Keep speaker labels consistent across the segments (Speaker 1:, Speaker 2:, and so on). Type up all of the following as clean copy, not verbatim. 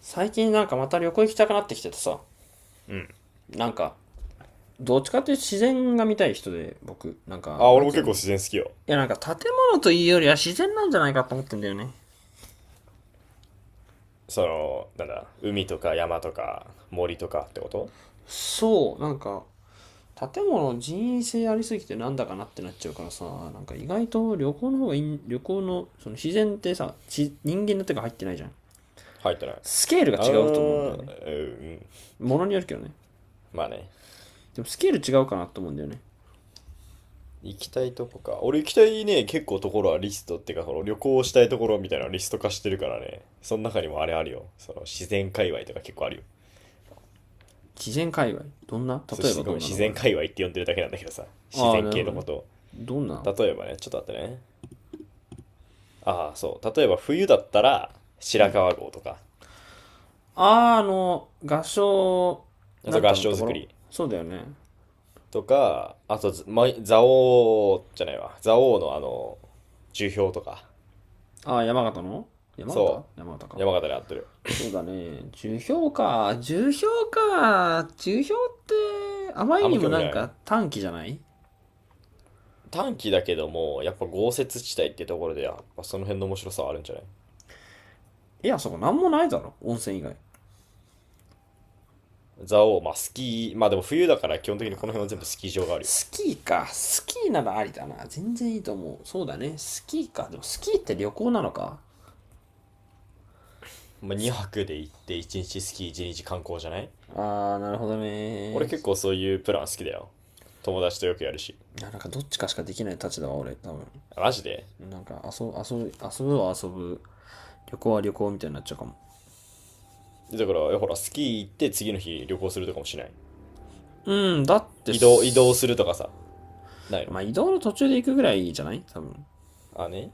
Speaker 1: 最近なんかまた旅行行きたくなってきててさ、
Speaker 2: うん。
Speaker 1: なんか、どっちかっていうと自然が見たい人で、僕、なんか、
Speaker 2: あ、
Speaker 1: なん
Speaker 2: 俺も
Speaker 1: つう
Speaker 2: 結
Speaker 1: の。
Speaker 2: 構自然好きよ。
Speaker 1: いや、なんか建物というよりは自然なんじゃないかと思ってんだよね。
Speaker 2: その、なんだ、海とか山とか森とかってこと？
Speaker 1: そう、建物人為性ありすぎてなんだかなってなっちゃうからさ、なんか意外と旅行の方がいい、旅行の、その自然ってさ、人間の手が入ってないじゃん。
Speaker 2: 入ってない。
Speaker 1: スケールが
Speaker 2: あ
Speaker 1: 違うと思うんだよね。
Speaker 2: ー、うん。
Speaker 1: ものによるけどね。
Speaker 2: まあね。
Speaker 1: でもスケール違うかなと思うんだよね。
Speaker 2: 行きたいとこか。俺行きたいね、結構ところはリストっていうか、その旅行したいところみたいなのリスト化してるからね。その中にもあれあるよ。その自然界隈とか結構あるよ。
Speaker 1: 自然界隈。どんな
Speaker 2: そう
Speaker 1: 例え
Speaker 2: し
Speaker 1: ば
Speaker 2: ご
Speaker 1: ど
Speaker 2: め
Speaker 1: ん
Speaker 2: ん、
Speaker 1: な
Speaker 2: 自
Speaker 1: のがあ
Speaker 2: 然
Speaker 1: る？
Speaker 2: 界隈って呼んでるだけなんだけどさ。自
Speaker 1: ああ、
Speaker 2: 然
Speaker 1: なるほ
Speaker 2: 系
Speaker 1: ど
Speaker 2: の
Speaker 1: ね。
Speaker 2: ことを。
Speaker 1: どんな？
Speaker 2: 例えばね、ちょっと待ってね。ああ、そう。例えば冬だったら
Speaker 1: う
Speaker 2: 白
Speaker 1: ん。
Speaker 2: 川郷とか。
Speaker 1: あの、合唱、
Speaker 2: あ
Speaker 1: な
Speaker 2: と
Speaker 1: ん
Speaker 2: 合
Speaker 1: たの
Speaker 2: 掌
Speaker 1: とこ
Speaker 2: 造
Speaker 1: ろ
Speaker 2: り。
Speaker 1: そうだよね。
Speaker 2: とか、あと、ま、蔵王じゃないわ。蔵王のあの、樹氷とか。
Speaker 1: あー、山形の山形
Speaker 2: そ
Speaker 1: 山形
Speaker 2: う。
Speaker 1: か。
Speaker 2: 山形で合ってる。
Speaker 1: そうだね。樹氷か。樹氷って、あま
Speaker 2: あ
Speaker 1: り
Speaker 2: ん
Speaker 1: に
Speaker 2: ま
Speaker 1: も
Speaker 2: 興味
Speaker 1: なん
Speaker 2: ない。
Speaker 1: か短期じゃない？
Speaker 2: 短期だけども、やっぱ豪雪地帯ってところで、やっぱその辺の面白さはあるんじゃない？
Speaker 1: いや、そこなんもないだろ。温泉以外。
Speaker 2: 蔵王、まあスキー、まあでも冬だから基本的にこの辺は全部スキー場があるよ。
Speaker 1: スキーか。スキーならありだな。全然いいと思う。そうだね。スキーか。でもスキーって旅行なのか？
Speaker 2: まあ2泊で行って1日スキー1日観光じゃない？
Speaker 1: なるほど
Speaker 2: 俺
Speaker 1: ね。
Speaker 2: 結構そういうプラン好きだよ。友達とよくやるし。
Speaker 1: なんかどっちかしかできない立場は俺、多分。
Speaker 2: マジで？
Speaker 1: なんか遊ぶは遊ぶ。旅行は旅行みたいになっちゃうかも。
Speaker 2: だから、ほら、スキー行って次の日旅行するとかもしない？
Speaker 1: うん、だって
Speaker 2: 移動
Speaker 1: す、
Speaker 2: するとかさ、ないの？
Speaker 1: まあ移動の途中で行くぐらいじゃない、多分。
Speaker 2: あね。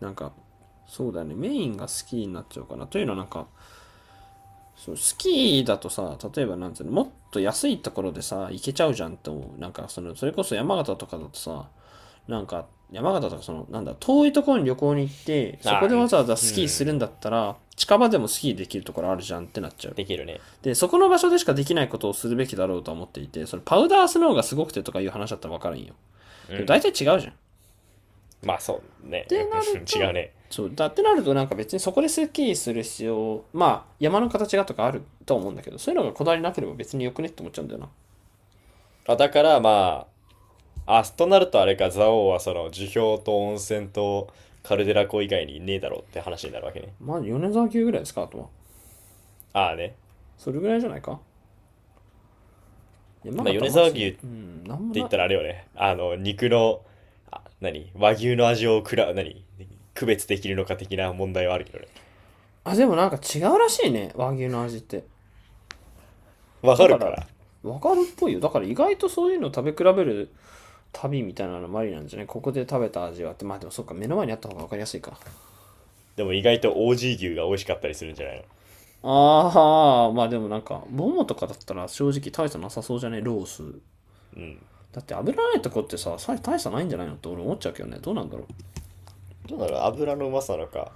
Speaker 1: なんか、そうだよね。メインがスキーになっちゃうかな。というのはなんか、そう、スキーだとさ、例えばなんつうの、もっと安いところでさ、行けちゃうじゃんと思う。なんか、その、それこそ山形とかだとさ、なんか、山形とかその、なんだ、遠いところに旅行に行って、そこ
Speaker 2: あ、
Speaker 1: でわざわざ
Speaker 2: う
Speaker 1: スキーす
Speaker 2: ん、
Speaker 1: るんだったら、近場でもスキーできるところあるじゃんってなっちゃう。
Speaker 2: できるね。
Speaker 1: で、そこの場所でしかできないことをするべきだろうと思っていて、それパウダースノーがすごくてとかいう話だったらわかるんよ。でも大体違うじゃん。っ
Speaker 2: まあそう
Speaker 1: て
Speaker 2: ね
Speaker 1: なる
Speaker 2: 違う
Speaker 1: と、
Speaker 2: ね。
Speaker 1: そうだってなるとなんか別にそこでスッキリする必要、まあ山の形がとかあると思うんだけど、そういうのがこだわりなければ別によくねって思っちゃうんだよな。
Speaker 2: あ、だからまあ、あ、となるとあれか、蔵王はその樹氷と温泉とカルデラ湖以外にねえだろうって話になるわけね。
Speaker 1: まあ米沢牛ぐらいですか、あとは。
Speaker 2: ああね。
Speaker 1: それぐらいじゃないか？山
Speaker 2: まあ
Speaker 1: 形
Speaker 2: 米
Speaker 1: マ
Speaker 2: 沢牛っ
Speaker 1: ジ、
Speaker 2: て
Speaker 1: うん、なんも
Speaker 2: 言
Speaker 1: な
Speaker 2: っ
Speaker 1: い。
Speaker 2: たらあれよね。あの、肉の、あ、何和牛の味を何区別できるのか的な問題はあるけどね。
Speaker 1: あ、でもなんか違うらしいね、和牛の味って。
Speaker 2: わ
Speaker 1: だ
Speaker 2: か
Speaker 1: か
Speaker 2: るか
Speaker 1: ら、
Speaker 2: ら。
Speaker 1: わかるっぽいよ。だから意外とそういうのを食べ比べる旅みたいなのもありなんじゃない？ここで食べた味はって、まあでもそっか、目の前にあった方が分かりやすいか。
Speaker 2: でも意外と OG 牛が美味しかったりするんじゃないの？
Speaker 1: ああ、まあでもなんか、ボモとかだったら正直大差なさそうじゃねロース。
Speaker 2: うん。
Speaker 1: だって油ないとこってさ、大差ないんじゃないのって俺思っちゃうけどね。どうなんだろう。
Speaker 2: どうなの？油のうまさなのか、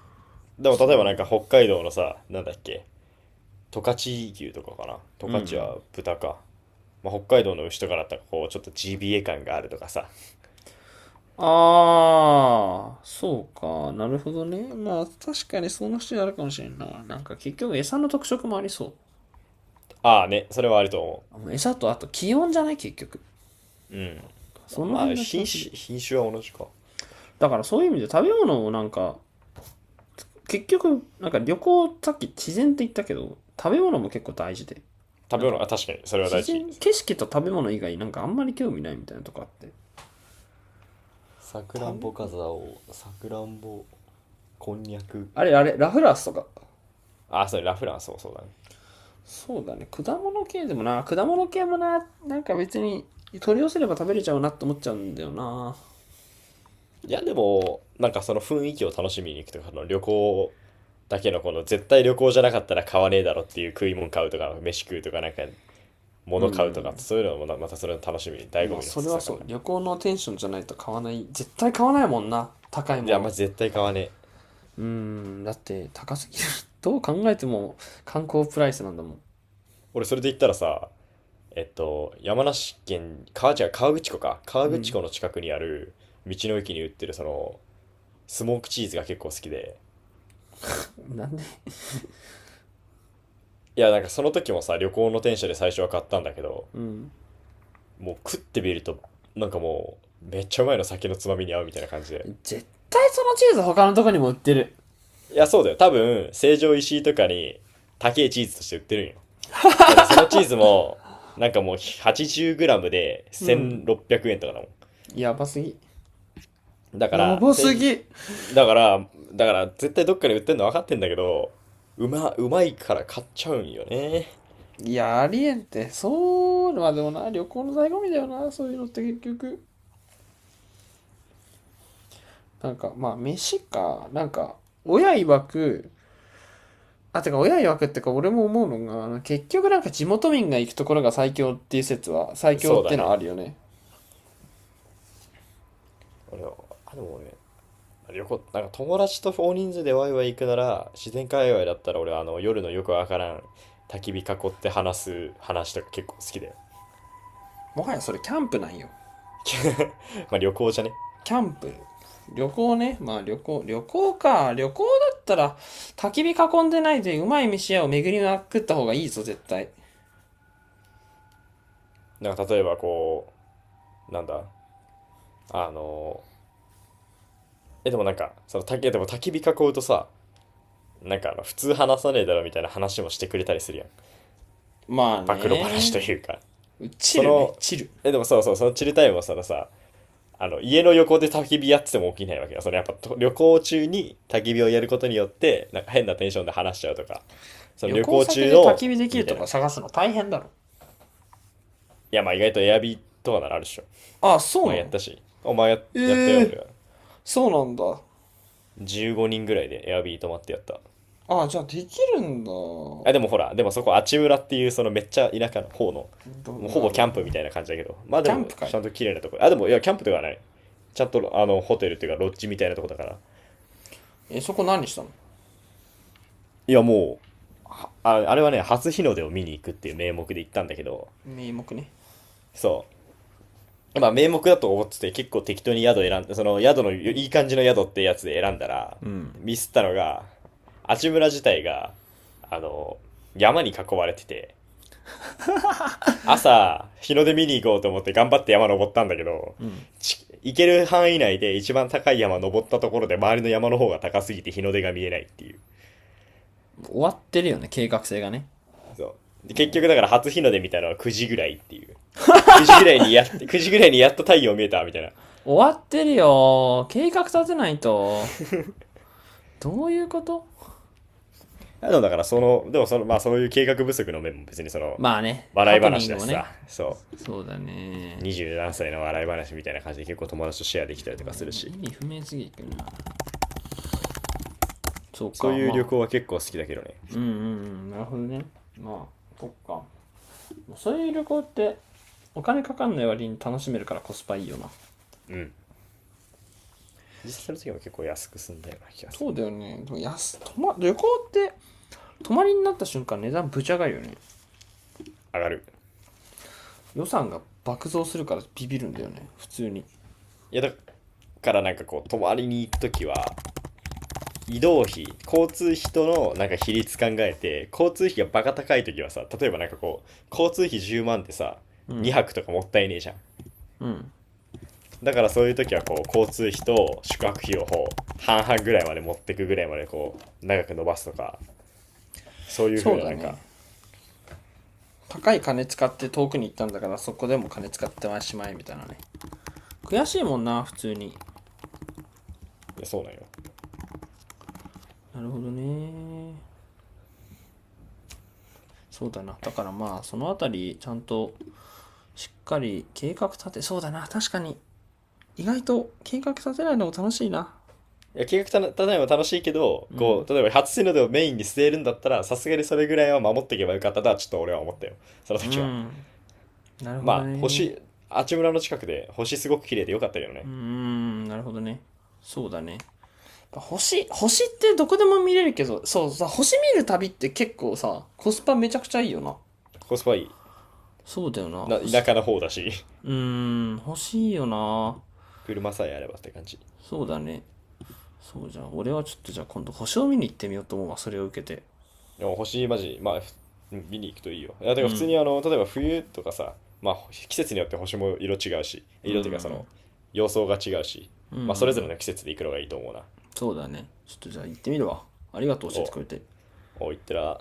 Speaker 2: でも
Speaker 1: そ
Speaker 2: 例えばなんか
Speaker 1: う。
Speaker 2: 北海道のさ、なんだっけ、十勝牛とかかな。十
Speaker 1: うんう
Speaker 2: 勝
Speaker 1: ん。
Speaker 2: は豚か。まあ、北海道の牛とかだったらこう、ちょっと GBA 感があるとかさ。
Speaker 1: ああ、そうか。なるほどね。まあ確かにそんな人になるかもしれんな。なんか結局餌の特色もありそう。
Speaker 2: ああね、それはあると思
Speaker 1: う餌とあと気温じゃない、結局。
Speaker 2: う。うん。
Speaker 1: その
Speaker 2: ま
Speaker 1: 辺
Speaker 2: あ、
Speaker 1: な気
Speaker 2: 品
Speaker 1: はする。
Speaker 2: 種、品種は同じか。
Speaker 1: だからそういう意味で食べ物をなんか結局、なんか旅行、さっき自然って言ったけど、食べ物も結構大事で。
Speaker 2: 食
Speaker 1: なん
Speaker 2: べ物、
Speaker 1: か、
Speaker 2: あ、確かに、それは大
Speaker 1: 自
Speaker 2: 事。
Speaker 1: 然、景色と食べ物以外、なんかあんまり興味ないみたいなとこあって。
Speaker 2: さくら
Speaker 1: 食
Speaker 2: ん
Speaker 1: べ
Speaker 2: ぼか
Speaker 1: 物
Speaker 2: ざおう、さくらんぼ、こんにゃく。
Speaker 1: あれあれ、ラフランスとか。
Speaker 2: ああ、それラフランスもそうだね。
Speaker 1: そうだね、果物系でもな、果物系もな、なんか別に取り寄せれば食べれちゃうなって思っちゃうんだよな。
Speaker 2: いや、でも、なんかその雰囲気を楽しみに行くとか、その旅行だけのこの絶対旅行じゃなかったら買わねえだろっていう食い物買うとか、飯食うとか、なんか
Speaker 1: う
Speaker 2: 物買う
Speaker 1: ん。
Speaker 2: とかってそういうのもまたそれの楽しみ醍醐
Speaker 1: まあ、
Speaker 2: 味の一
Speaker 1: それ
Speaker 2: つ
Speaker 1: は
Speaker 2: だか
Speaker 1: そ
Speaker 2: ら
Speaker 1: う。
Speaker 2: な。
Speaker 1: 旅行のテンションじゃないと買わない。絶対買わないもんな。高い
Speaker 2: い
Speaker 1: も
Speaker 2: やま
Speaker 1: の。
Speaker 2: じ絶対買わねえ。
Speaker 1: うん、だって高すぎる。どう考えても観光プライスなんだもん。
Speaker 2: 俺それで言ったらさ、えっと山梨県川違う河口湖か
Speaker 1: う
Speaker 2: 河口
Speaker 1: ん。
Speaker 2: 湖の近くにある道の駅に売ってるそのスモークチーズが結構好きで。
Speaker 1: なんで？
Speaker 2: いやなんかその時もさ旅行の電車で最初は買ったんだけど、
Speaker 1: うん。
Speaker 2: もう食ってみるとなんかもうめっちゃうまいの酒のつまみに合うみたいな感じで。
Speaker 1: 絶対そのチーズ他のとこにも売ってる。
Speaker 2: いやそうだよ多分成城石井とかに高いチーズとして売ってるんよ。だってそのチーズも、なんかもう 80g で
Speaker 1: うん。
Speaker 2: 1600円とかだも
Speaker 1: やばすぎ。
Speaker 2: ん。だか
Speaker 1: や
Speaker 2: ら、
Speaker 1: ばすぎ。
Speaker 2: だから、だから絶対どっかで売ってんの分かってんだけど、うまいから買っちゃうんよね。
Speaker 1: いや、ありえんって。そう、まあでもな、旅行の醍醐味だよな、そういうのって結局。なんか、まあ、飯か、なんか、親曰く、あ、てか、親曰くってか、俺も思うのが、あの結局なんか地元民が行くところが最強っていう説は、最強
Speaker 2: そ
Speaker 1: っ
Speaker 2: う
Speaker 1: て
Speaker 2: だ
Speaker 1: いうのはある
Speaker 2: ね。
Speaker 1: よね。
Speaker 2: 俺は、あ、でも俺、旅行、なんか友達と大人数でワイワイ行くなら、自然界隈だったら俺はあの夜のよくわからん焚き火囲って話す話とか結構好きだよ。
Speaker 1: もはやそれキャンプなんよ。
Speaker 2: まあ旅行じゃね。
Speaker 1: キャンプ。旅行ね。まあ旅行、旅行か。旅行だったら、焚き火囲んでないでうまい飯屋を巡りまくった方がいいぞ、絶対。
Speaker 2: なんか例えばこう、なんだ、あの、え、でもなんか、その、でも焚き火囲うとさ、なんかあの、普通話さねえだろみたいな話もしてくれたりするやん。
Speaker 1: まあ
Speaker 2: 暴露話と
Speaker 1: ね。
Speaker 2: いうか。
Speaker 1: チ
Speaker 2: そ
Speaker 1: ルね、
Speaker 2: の、
Speaker 1: チル。
Speaker 2: え、でもそうそう、そのチルタイムはそのさ、あの、家の横で焚き火やってても起きないわけよ。そのやっぱと旅行中に焚き火をやることによって、なんか変なテンションで話しちゃうとか、その
Speaker 1: 旅
Speaker 2: 旅
Speaker 1: 行
Speaker 2: 行
Speaker 1: 先
Speaker 2: 中
Speaker 1: で焚き
Speaker 2: の、
Speaker 1: 火でき
Speaker 2: み
Speaker 1: る
Speaker 2: た
Speaker 1: と
Speaker 2: いな。い
Speaker 1: か探すの大変だろ。
Speaker 2: や、まあ意外とエアビーとかならあるでしょ。
Speaker 1: ああ、そう
Speaker 2: まあ
Speaker 1: な
Speaker 2: やっ
Speaker 1: の？
Speaker 2: たし。お前や、
Speaker 1: え
Speaker 2: やった
Speaker 1: え
Speaker 2: よ、俺
Speaker 1: ー、
Speaker 2: は。
Speaker 1: そうなんだ。
Speaker 2: 15人ぐらいでエアビー泊まってやった。
Speaker 1: ああ、じゃあできるんだ。ど、
Speaker 2: あ、でもほら、でもそこ、あちうらっていう、そのめっちゃ田舎の方の、
Speaker 1: あ
Speaker 2: もうほぼキャ
Speaker 1: の、
Speaker 2: ンプみたいな感じだけど、まあで
Speaker 1: キャン
Speaker 2: も、
Speaker 1: プ会。
Speaker 2: ちゃんと綺麗なとこ。あ、でも、いや、キャンプではない。ちゃんと、あの、ホテルっていうか、ロッジみたいなとこだから。
Speaker 1: え、そこ何したの？
Speaker 2: いや、もう、あ、あれはね、初日の出を見に行くっていう名目で行ったんだけど、
Speaker 1: 名目ね。
Speaker 2: そう。まあ、名目だと思ってて、結構適当に宿選んで、その宿の、いい感じの宿ってやつで選んだら、
Speaker 1: うん。
Speaker 2: ミスったのが、あちむら自体が、あの、山に囲われてて、朝、日の出見に行こうと思って頑張って山登ったんだけど、
Speaker 1: うん。
Speaker 2: 行ける範囲内で一番高い山登ったところで周りの山の方が高すぎて日の出が見えないっていう。
Speaker 1: 終わってるよね、計画性がね。
Speaker 2: そう。で
Speaker 1: も
Speaker 2: 結局だか
Speaker 1: う、
Speaker 2: ら初日の出見たのは9時ぐらいっていう。9時ぐらいにやっ、9時ぐらいにやっと太陽見えたみたいな。
Speaker 1: 終わってるよ。計画立てないと。どういうこと？
Speaker 2: あのだからその、でもその、まあそういう計画不足の面も別にその、
Speaker 1: まあね、
Speaker 2: 笑
Speaker 1: ハ
Speaker 2: い
Speaker 1: プニン
Speaker 2: 話
Speaker 1: グ
Speaker 2: だし
Speaker 1: も
Speaker 2: さ、
Speaker 1: ね。
Speaker 2: そ
Speaker 1: そうだ
Speaker 2: う。
Speaker 1: ね。
Speaker 2: 20何歳の笑い話みたいな感じで結構友達とシェアできたりとかするし、
Speaker 1: 意味不明すぎるな。そう
Speaker 2: そう
Speaker 1: か、
Speaker 2: いう旅
Speaker 1: まあ。
Speaker 2: 行は結構好きだけどね。
Speaker 1: うんうんうん、なるほどね。まあ、そっか。そういう旅行って、お金かかんない割に楽しめるからコスパいいよな。
Speaker 2: うん。実際の時も結構安く済んだような気がす
Speaker 1: そ
Speaker 2: る
Speaker 1: う
Speaker 2: な。
Speaker 1: だよね。でも安泊ま、旅行って、泊まりになった瞬間値段ぶち上がるよね。
Speaker 2: 上がる。
Speaker 1: 予算が爆増するからビビるんだよね。普通に。
Speaker 2: いや、だからなんかこう、泊まりに行く時は、移動費、交通費とのなんか比率考えて、交通費がバカ高い時はさ、例えばなんかこう、交通費10万ってさ、
Speaker 1: うん。
Speaker 2: 2泊とかもったいねえじゃん。
Speaker 1: うん。
Speaker 2: だからそういう時はこう、交通費と宿泊費をこう、半々ぐらいまで持ってくぐらいまでこう、長く伸ばすとか、そういう
Speaker 1: そ
Speaker 2: 風
Speaker 1: う
Speaker 2: な
Speaker 1: だ
Speaker 2: なんか、
Speaker 1: ね。高い金使って遠くに行ったんだからそこでも金使ってましまいみたいなね。悔しいもんな、普通に。
Speaker 2: いやそうなんよ。
Speaker 1: なるほどね。そうだな、だからまあそのあたりちゃんとしっかり計画立てそうだな、確かに。意外と計画立てないのも楽しいな。
Speaker 2: いや、計画立てないのも楽しいけど、
Speaker 1: う
Speaker 2: こ
Speaker 1: ん
Speaker 2: う、例えば初日の出をメインに据えるんだったら、さすがにそれぐらいは守っていけばよかったとは、ちょっと俺は思ったよ。その
Speaker 1: う
Speaker 2: 時は。
Speaker 1: ん、なるほ
Speaker 2: ま
Speaker 1: ど
Speaker 2: あ、
Speaker 1: ね。
Speaker 2: 星、あちむらの近くで、星すごく綺麗でよかったけど
Speaker 1: うー
Speaker 2: ね。
Speaker 1: うん、なるほどね。そうだね。星、星ってどこでも見れるけど、そうさ、星見る旅って結構さコスパめちゃくちゃいいよな。
Speaker 2: コスパいい。
Speaker 1: そうだよな、
Speaker 2: な、田
Speaker 1: 星。
Speaker 2: 舎の方だし、
Speaker 1: うーん、欲しいよな。
Speaker 2: 車さえあればって感じ。
Speaker 1: そうだね。そうじゃん。俺はちょっとじゃあ今度星を見に行ってみようと思うわ。それを受けて。
Speaker 2: でも星、マジ、まあ、見に行くといいよ。いや、てか
Speaker 1: う
Speaker 2: ら普通
Speaker 1: ん。
Speaker 2: にあの、例えば冬とかさ、まあ、季節によって星も色違うし、
Speaker 1: う
Speaker 2: 色っていうかそ
Speaker 1: ん。
Speaker 2: の、様相が違うし、まあ、それぞれの季節で行くのがいいと思うな。
Speaker 1: そうだね。ちょっとじゃあ行ってみるわ。ありがとう、教え
Speaker 2: お
Speaker 1: て
Speaker 2: う、
Speaker 1: くれて。
Speaker 2: おう、行ってら。